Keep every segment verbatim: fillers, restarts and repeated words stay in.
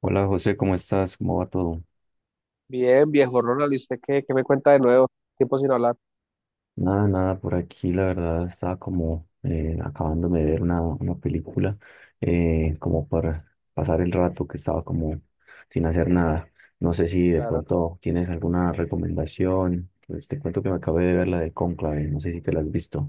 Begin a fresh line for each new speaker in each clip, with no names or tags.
Hola José, ¿cómo estás? ¿Cómo va todo?
Bien, viejo Ronald, ¿y usted qué, qué me cuenta de nuevo? Tiempo sin hablar,
Nada, nada, por aquí la verdad estaba como eh, acabándome de ver una, una película, eh, como para pasar el rato que estaba como sin hacer nada. No sé si de
claro.
pronto tienes alguna recomendación. Pues te cuento que me acabé de ver la de Cónclave, no sé si te la has visto.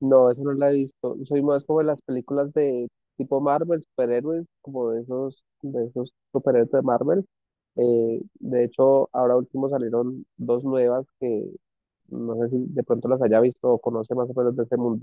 No, eso no la he visto. Soy más como de las películas de tipo Marvel, superhéroes, como de esos, de esos superhéroes de Marvel. Eh, de hecho, ahora último salieron dos nuevas que no sé si de pronto las haya visto o conoce más o menos de ese mundo.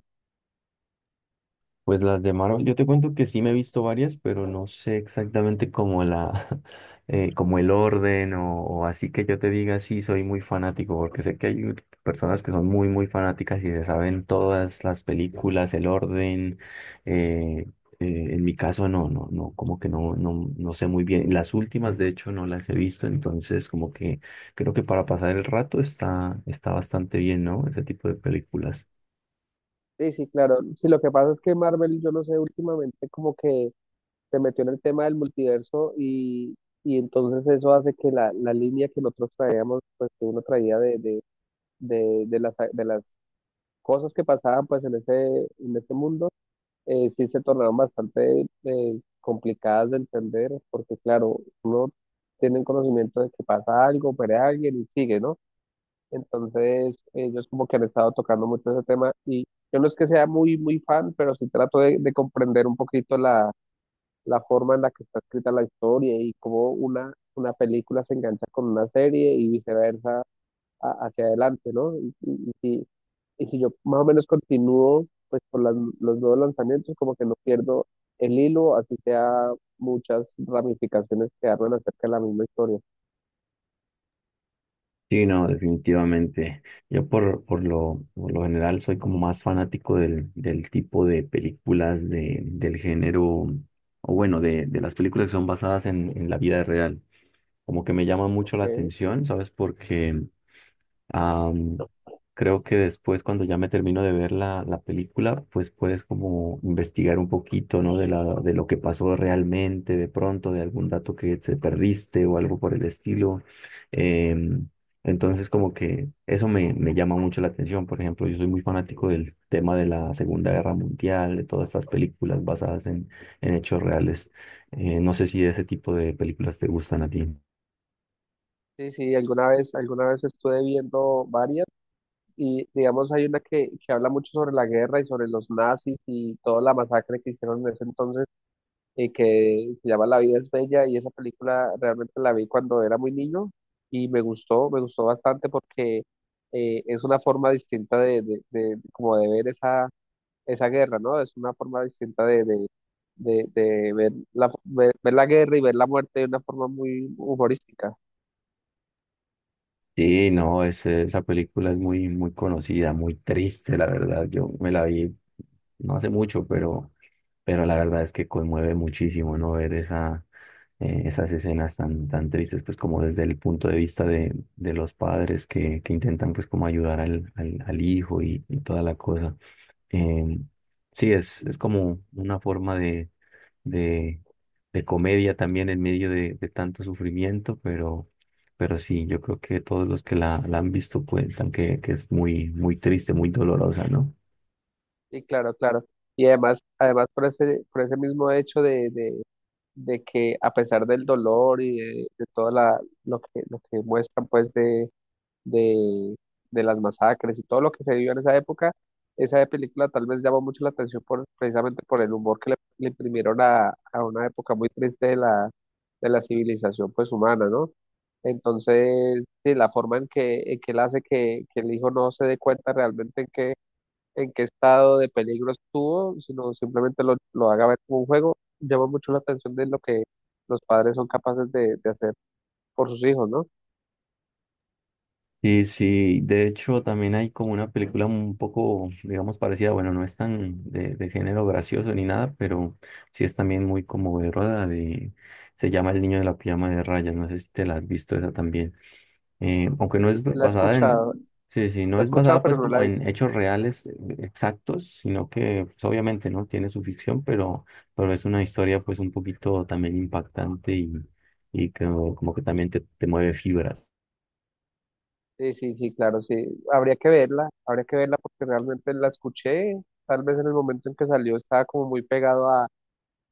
Pues las de Marvel, yo te cuento que sí me he visto varias, pero no sé exactamente como la, eh, como el orden o, o así, que yo te diga sí, soy muy fanático, porque sé que hay personas que son muy, muy fanáticas y se saben todas las películas, el orden. eh, eh, en mi caso no, no, no, como que no, no, no sé muy bien. Las últimas, de hecho, no las he visto, entonces como que creo que para pasar el rato está, está bastante bien, ¿no? Ese tipo de películas.
Sí, sí, claro. Sí, lo que pasa es que Marvel, yo no sé, últimamente como que se metió en el tema del multiverso y, y entonces eso hace que la, la línea que nosotros traíamos, pues que uno traía de, de de, de las, de las cosas que pasaban pues en ese, en ese mundo, eh, sí se tornaron bastante eh, complicadas de entender, porque claro, uno tiene el conocimiento de que pasa algo, muere alguien y sigue, ¿no? Entonces, ellos como que han estado tocando mucho ese tema y yo no es que sea muy, muy fan, pero sí trato de, de comprender un poquito la, la forma en la que está escrita la historia y cómo una, una película se engancha con una serie y viceversa a- hacia adelante, ¿no? Y, y- y si, y si yo más o menos continúo, pues por las- los nuevos lanzamientos, como que no pierdo el hilo, así sea muchas ramificaciones que hablan acerca de la misma historia.
Sí, no, definitivamente. Yo por, por lo, por lo general soy como más fanático del, del tipo de películas de, del género, o bueno, de, de las películas que son basadas en, en la vida real. Como que me llama mucho la
Ok.
atención, ¿sabes? Porque Am, Creo que después, cuando ya me termino de ver la, la película, pues puedes como investigar un poquito, ¿no? De la, de lo que pasó realmente, de pronto, de algún dato que se perdiste o algo por el estilo. Em, entonces, como que eso me, me llama mucho la atención. Por ejemplo, yo soy muy fanático del tema de la Segunda Guerra Mundial, de todas estas películas basadas en, en hechos reales. Eh, no sé si ese tipo de películas te gustan a ti.
Sí, sí, alguna vez, alguna vez estuve viendo varias y digamos hay una que, que habla mucho sobre la guerra y sobre los nazis y toda la masacre que hicieron en ese entonces eh, que se llama La vida es bella, y esa película realmente la vi cuando era muy niño y me gustó, me gustó bastante porque eh, es una forma distinta de, de, de- como de ver esa, esa guerra, ¿no? Es una forma distinta de, de, de, de ver la, ver, ver la guerra y ver la muerte de una forma muy humorística.
Sí, no, ese- esa película es muy, muy conocida, muy triste, la verdad. Yo me la vi no hace mucho, pero, pero la verdad es que conmueve muchísimo, ¿no? Ver esa, eh, esas escenas tan, tan tristes, pues como desde el punto de vista de, de los padres que, que intentan, pues, como ayudar al, al, al hijo y, y toda la cosa. Eh, sí, es, es como una forma de, de, de comedia también en medio de, de tanto sufrimiento, pero, pero sí, yo creo que todos los que la, la han visto cuentan que, que es muy, muy triste, muy dolorosa, ¿no?
Y claro, claro. Y además, además por ese, por ese mismo hecho de, de, de que a pesar del dolor y de, de todo la, lo que, lo que muestran pues de, de, de las masacres y todo lo que se vivió en esa época, esa película tal vez llamó mucho la atención por, precisamente por el humor que le, le imprimieron a, a una época muy triste de la, de la civilización pues humana, ¿no? Entonces, sí, la forma en que, en que él hace que, que el hijo no se dé cuenta realmente en qué, en qué estado de peligro estuvo, sino simplemente lo, lo haga ver como un juego, llama mucho la atención de lo que los padres son capaces de, de hacer por sus hijos, ¿no?
Sí, sí, de hecho también hay como una película un poco, digamos, parecida, bueno, no es tan de, de género gracioso ni nada, pero sí es también muy conmovedora de, se llama El niño de la pijama de rayas, no sé si te la has visto esa también. Eh, aunque no es
La he
basada en,
escuchado,
sí, sí,
la
no
he
es
escuchado,
basada
pero
pues
no la
como
he visto.
en hechos reales, eh, exactos, sino que, pues, obviamente no tiene su ficción, pero, pero es una historia pues un poquito también impactante y, y que, como que también te, te mueve fibra.
Sí, sí, sí, claro, sí. Habría que verla, habría que verla porque realmente la escuché. Tal vez en el momento en que salió estaba como muy pegado a,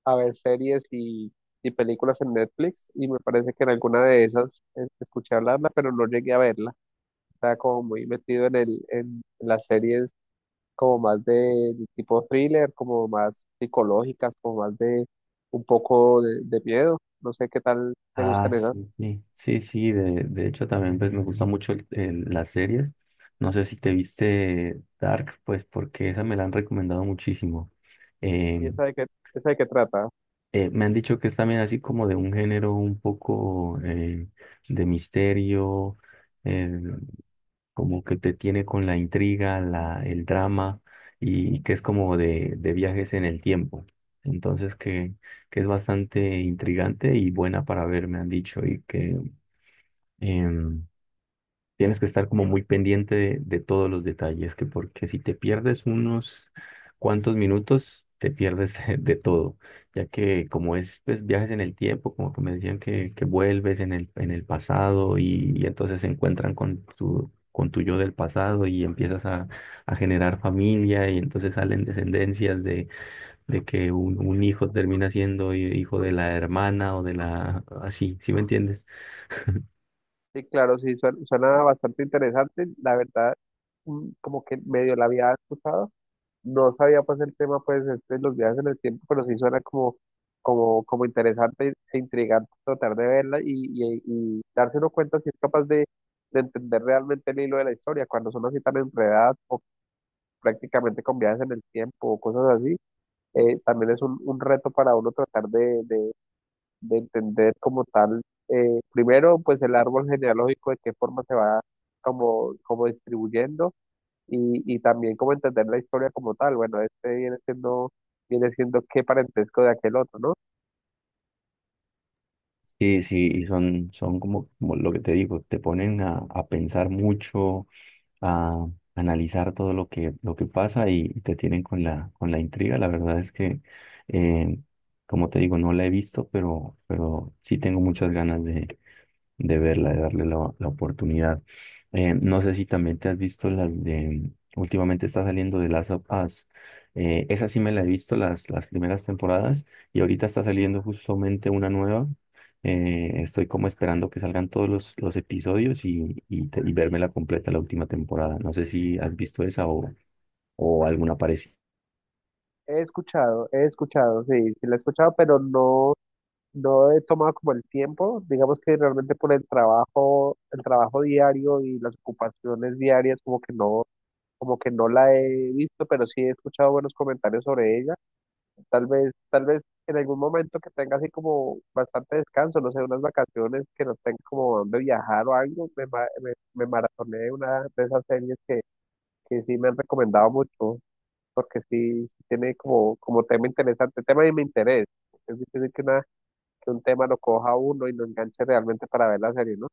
a ver series y, y películas en Netflix y me parece que en alguna de esas eh, escuché hablarla, pero no llegué a verla. Estaba como muy metido en el, en las series como más de, de tipo thriller, como más psicológicas, como más de un poco de, de miedo. No sé qué tal te
Ah,
gustan esas.
sí, sí, sí, sí, de, de hecho también pues me gusta mucho el- el- las series. No sé si te viste Dark, pues porque esa me la han recomendado muchísimo.
¿Y
Em,
esa de qué, esa de qué trata?
Eh, me han dicho que es también así como de un género un poco eh, de misterio, eh, como que te tiene con la intriga, la, el drama y que es como de, de viajes en el tiempo. Entonces que, que es bastante intrigante y buena para ver, me han dicho, y que em, tienes que estar como muy pendiente de, de todos los detalles, que porque si te pierdes unos cuantos minutos, te pierdes de todo, ya que como es pues viajes en el tiempo, como que me decían que, que vuelves en el, en el pasado y, y entonces se encuentran con tu, con tu yo del pasado y empiezas a, a generar familia y entonces salen descendencias de, de que un, un hijo termina siendo hijo de la hermana o de la... así, ¿sí me entiendes?
Sí, claro, sí, suena suena bastante interesante. La verdad, mm, como que medio la había escuchado. No sabía pues el tema pues este, de los viajes en el tiempo, pero sí suena como, como, como interesante e intrigante tratar de verla y, y, y darse uno cuenta si es capaz de, de entender realmente el hilo de la historia. Cuando son así tan enredadas o prácticamente con viajes en el tiempo o cosas así, eh, también es un, un reto para uno tratar de, de, de entender como tal, eh, primero, pues el árbol genealógico, de qué forma se va como, como distribuyendo y, y también como entender la historia como tal. Bueno, este viene siendo, viene siendo qué parentesco de aquel otro, ¿no?
Sí, sí, y son, son como, como lo que te digo, te ponen a, a pensar mucho, a analizar todo lo que, lo que pasa y, y te tienen con la, con la intriga. La verdad es que, eh, como te digo, no la he visto, pero, pero sí tengo muchas ganas de, de verla, de darle la, la oportunidad. Eh, no sé si también te has visto las de, últimamente está saliendo de Last of Us. Eh, esa sí me la he visto, las, las primeras temporadas, y ahorita está saliendo justamente una nueva. Eh, estoy como esperando que salgan todos los, los episodios y, y, te- y verme la completa la última temporada. No sé si has visto esa o, o alguna parecida.
He escuchado, he escuchado, sí, sí la he escuchado, pero no, no he tomado como el tiempo, digamos que realmente por el trabajo, el trabajo diario y las ocupaciones diarias, como que no, como que no la he visto, pero sí he escuchado buenos comentarios sobre ella. Tal vez, tal vez en algún momento que tenga así como bastante descanso, no sé, unas vacaciones que no tenga como dónde viajar o algo, me, ma- me, me maratoné una de esas series que, que sí me han recomendado mucho, porque sí, sí tiene como, como tema interesante, tema de mi interés. Es difícil que, una, que un tema lo coja a uno y lo enganche realmente para ver la serie, ¿no?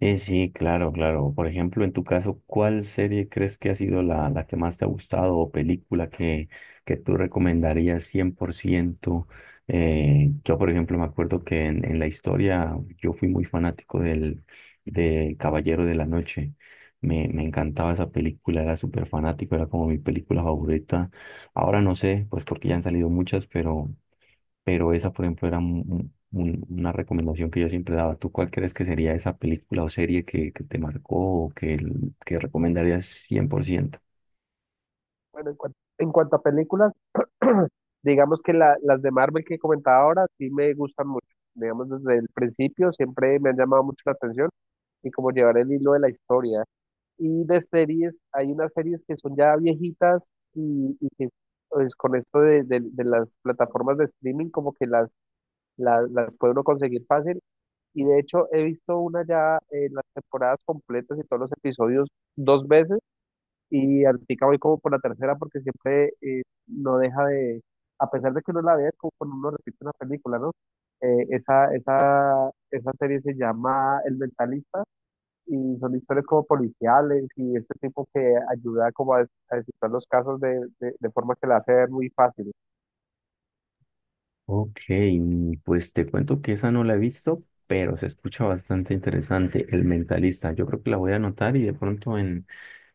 Sí, sí, claro, claro. Por ejemplo, en tu caso, ¿cuál serie crees que ha sido la, la que más te ha gustado o película que, que tú recomendarías cien por ciento? Eh, yo, por ejemplo, me acuerdo que en, en la historia yo fui muy fanático del, de Caballero de la Noche. Me, me encantaba esa película, era súper fanático, era como mi película favorita. Ahora no sé, pues porque ya han salido muchas, pero pero esa, por ejemplo, era un- un- una recomendación que yo siempre daba. ¿Tú cuál crees que sería esa película o serie que, que te marcó o que, el- que recomendarías cien por ciento?
Bueno, en cuan- en cuanto a películas, digamos que la- las de Marvel que comentaba ahora sí me gustan mucho. Digamos, desde el principio siempre me han llamado mucho la atención. Y como llevar el hilo de la historia. Y de series, hay unas series que son ya viejitas y, y que pues, con esto de, de- de las plataformas de streaming como que las, las, las puede uno conseguir fácil. Y de hecho he visto una ya en las temporadas completas y todos los episodios dos veces y ahorita voy como por la tercera porque siempre eh, no deja de, a pesar de que uno la vea, es como cuando uno repite una película, ¿no? Eh, esa, esa, esa serie se llama El Mentalista y son historias como policiales y este tipo que ayuda como a, des- a descifrar los casos de, de, de forma que la hace ver muy fácil.
Ok, mm, pues te cuento que esa no la he visto, pero se escucha bastante interesante, El Mentalista. Yo creo que la voy a anotar y de pronto en,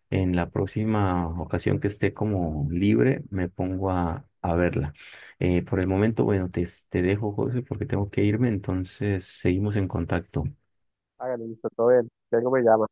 en la próxima ocasión que esté como libre me pongo a, a verla. Eh, por el momento, bueno, te, te dejo, José, porque tengo que irme, entonces seguimos en contacto.
Háganle, listo, todo bien. Ya algo me llama.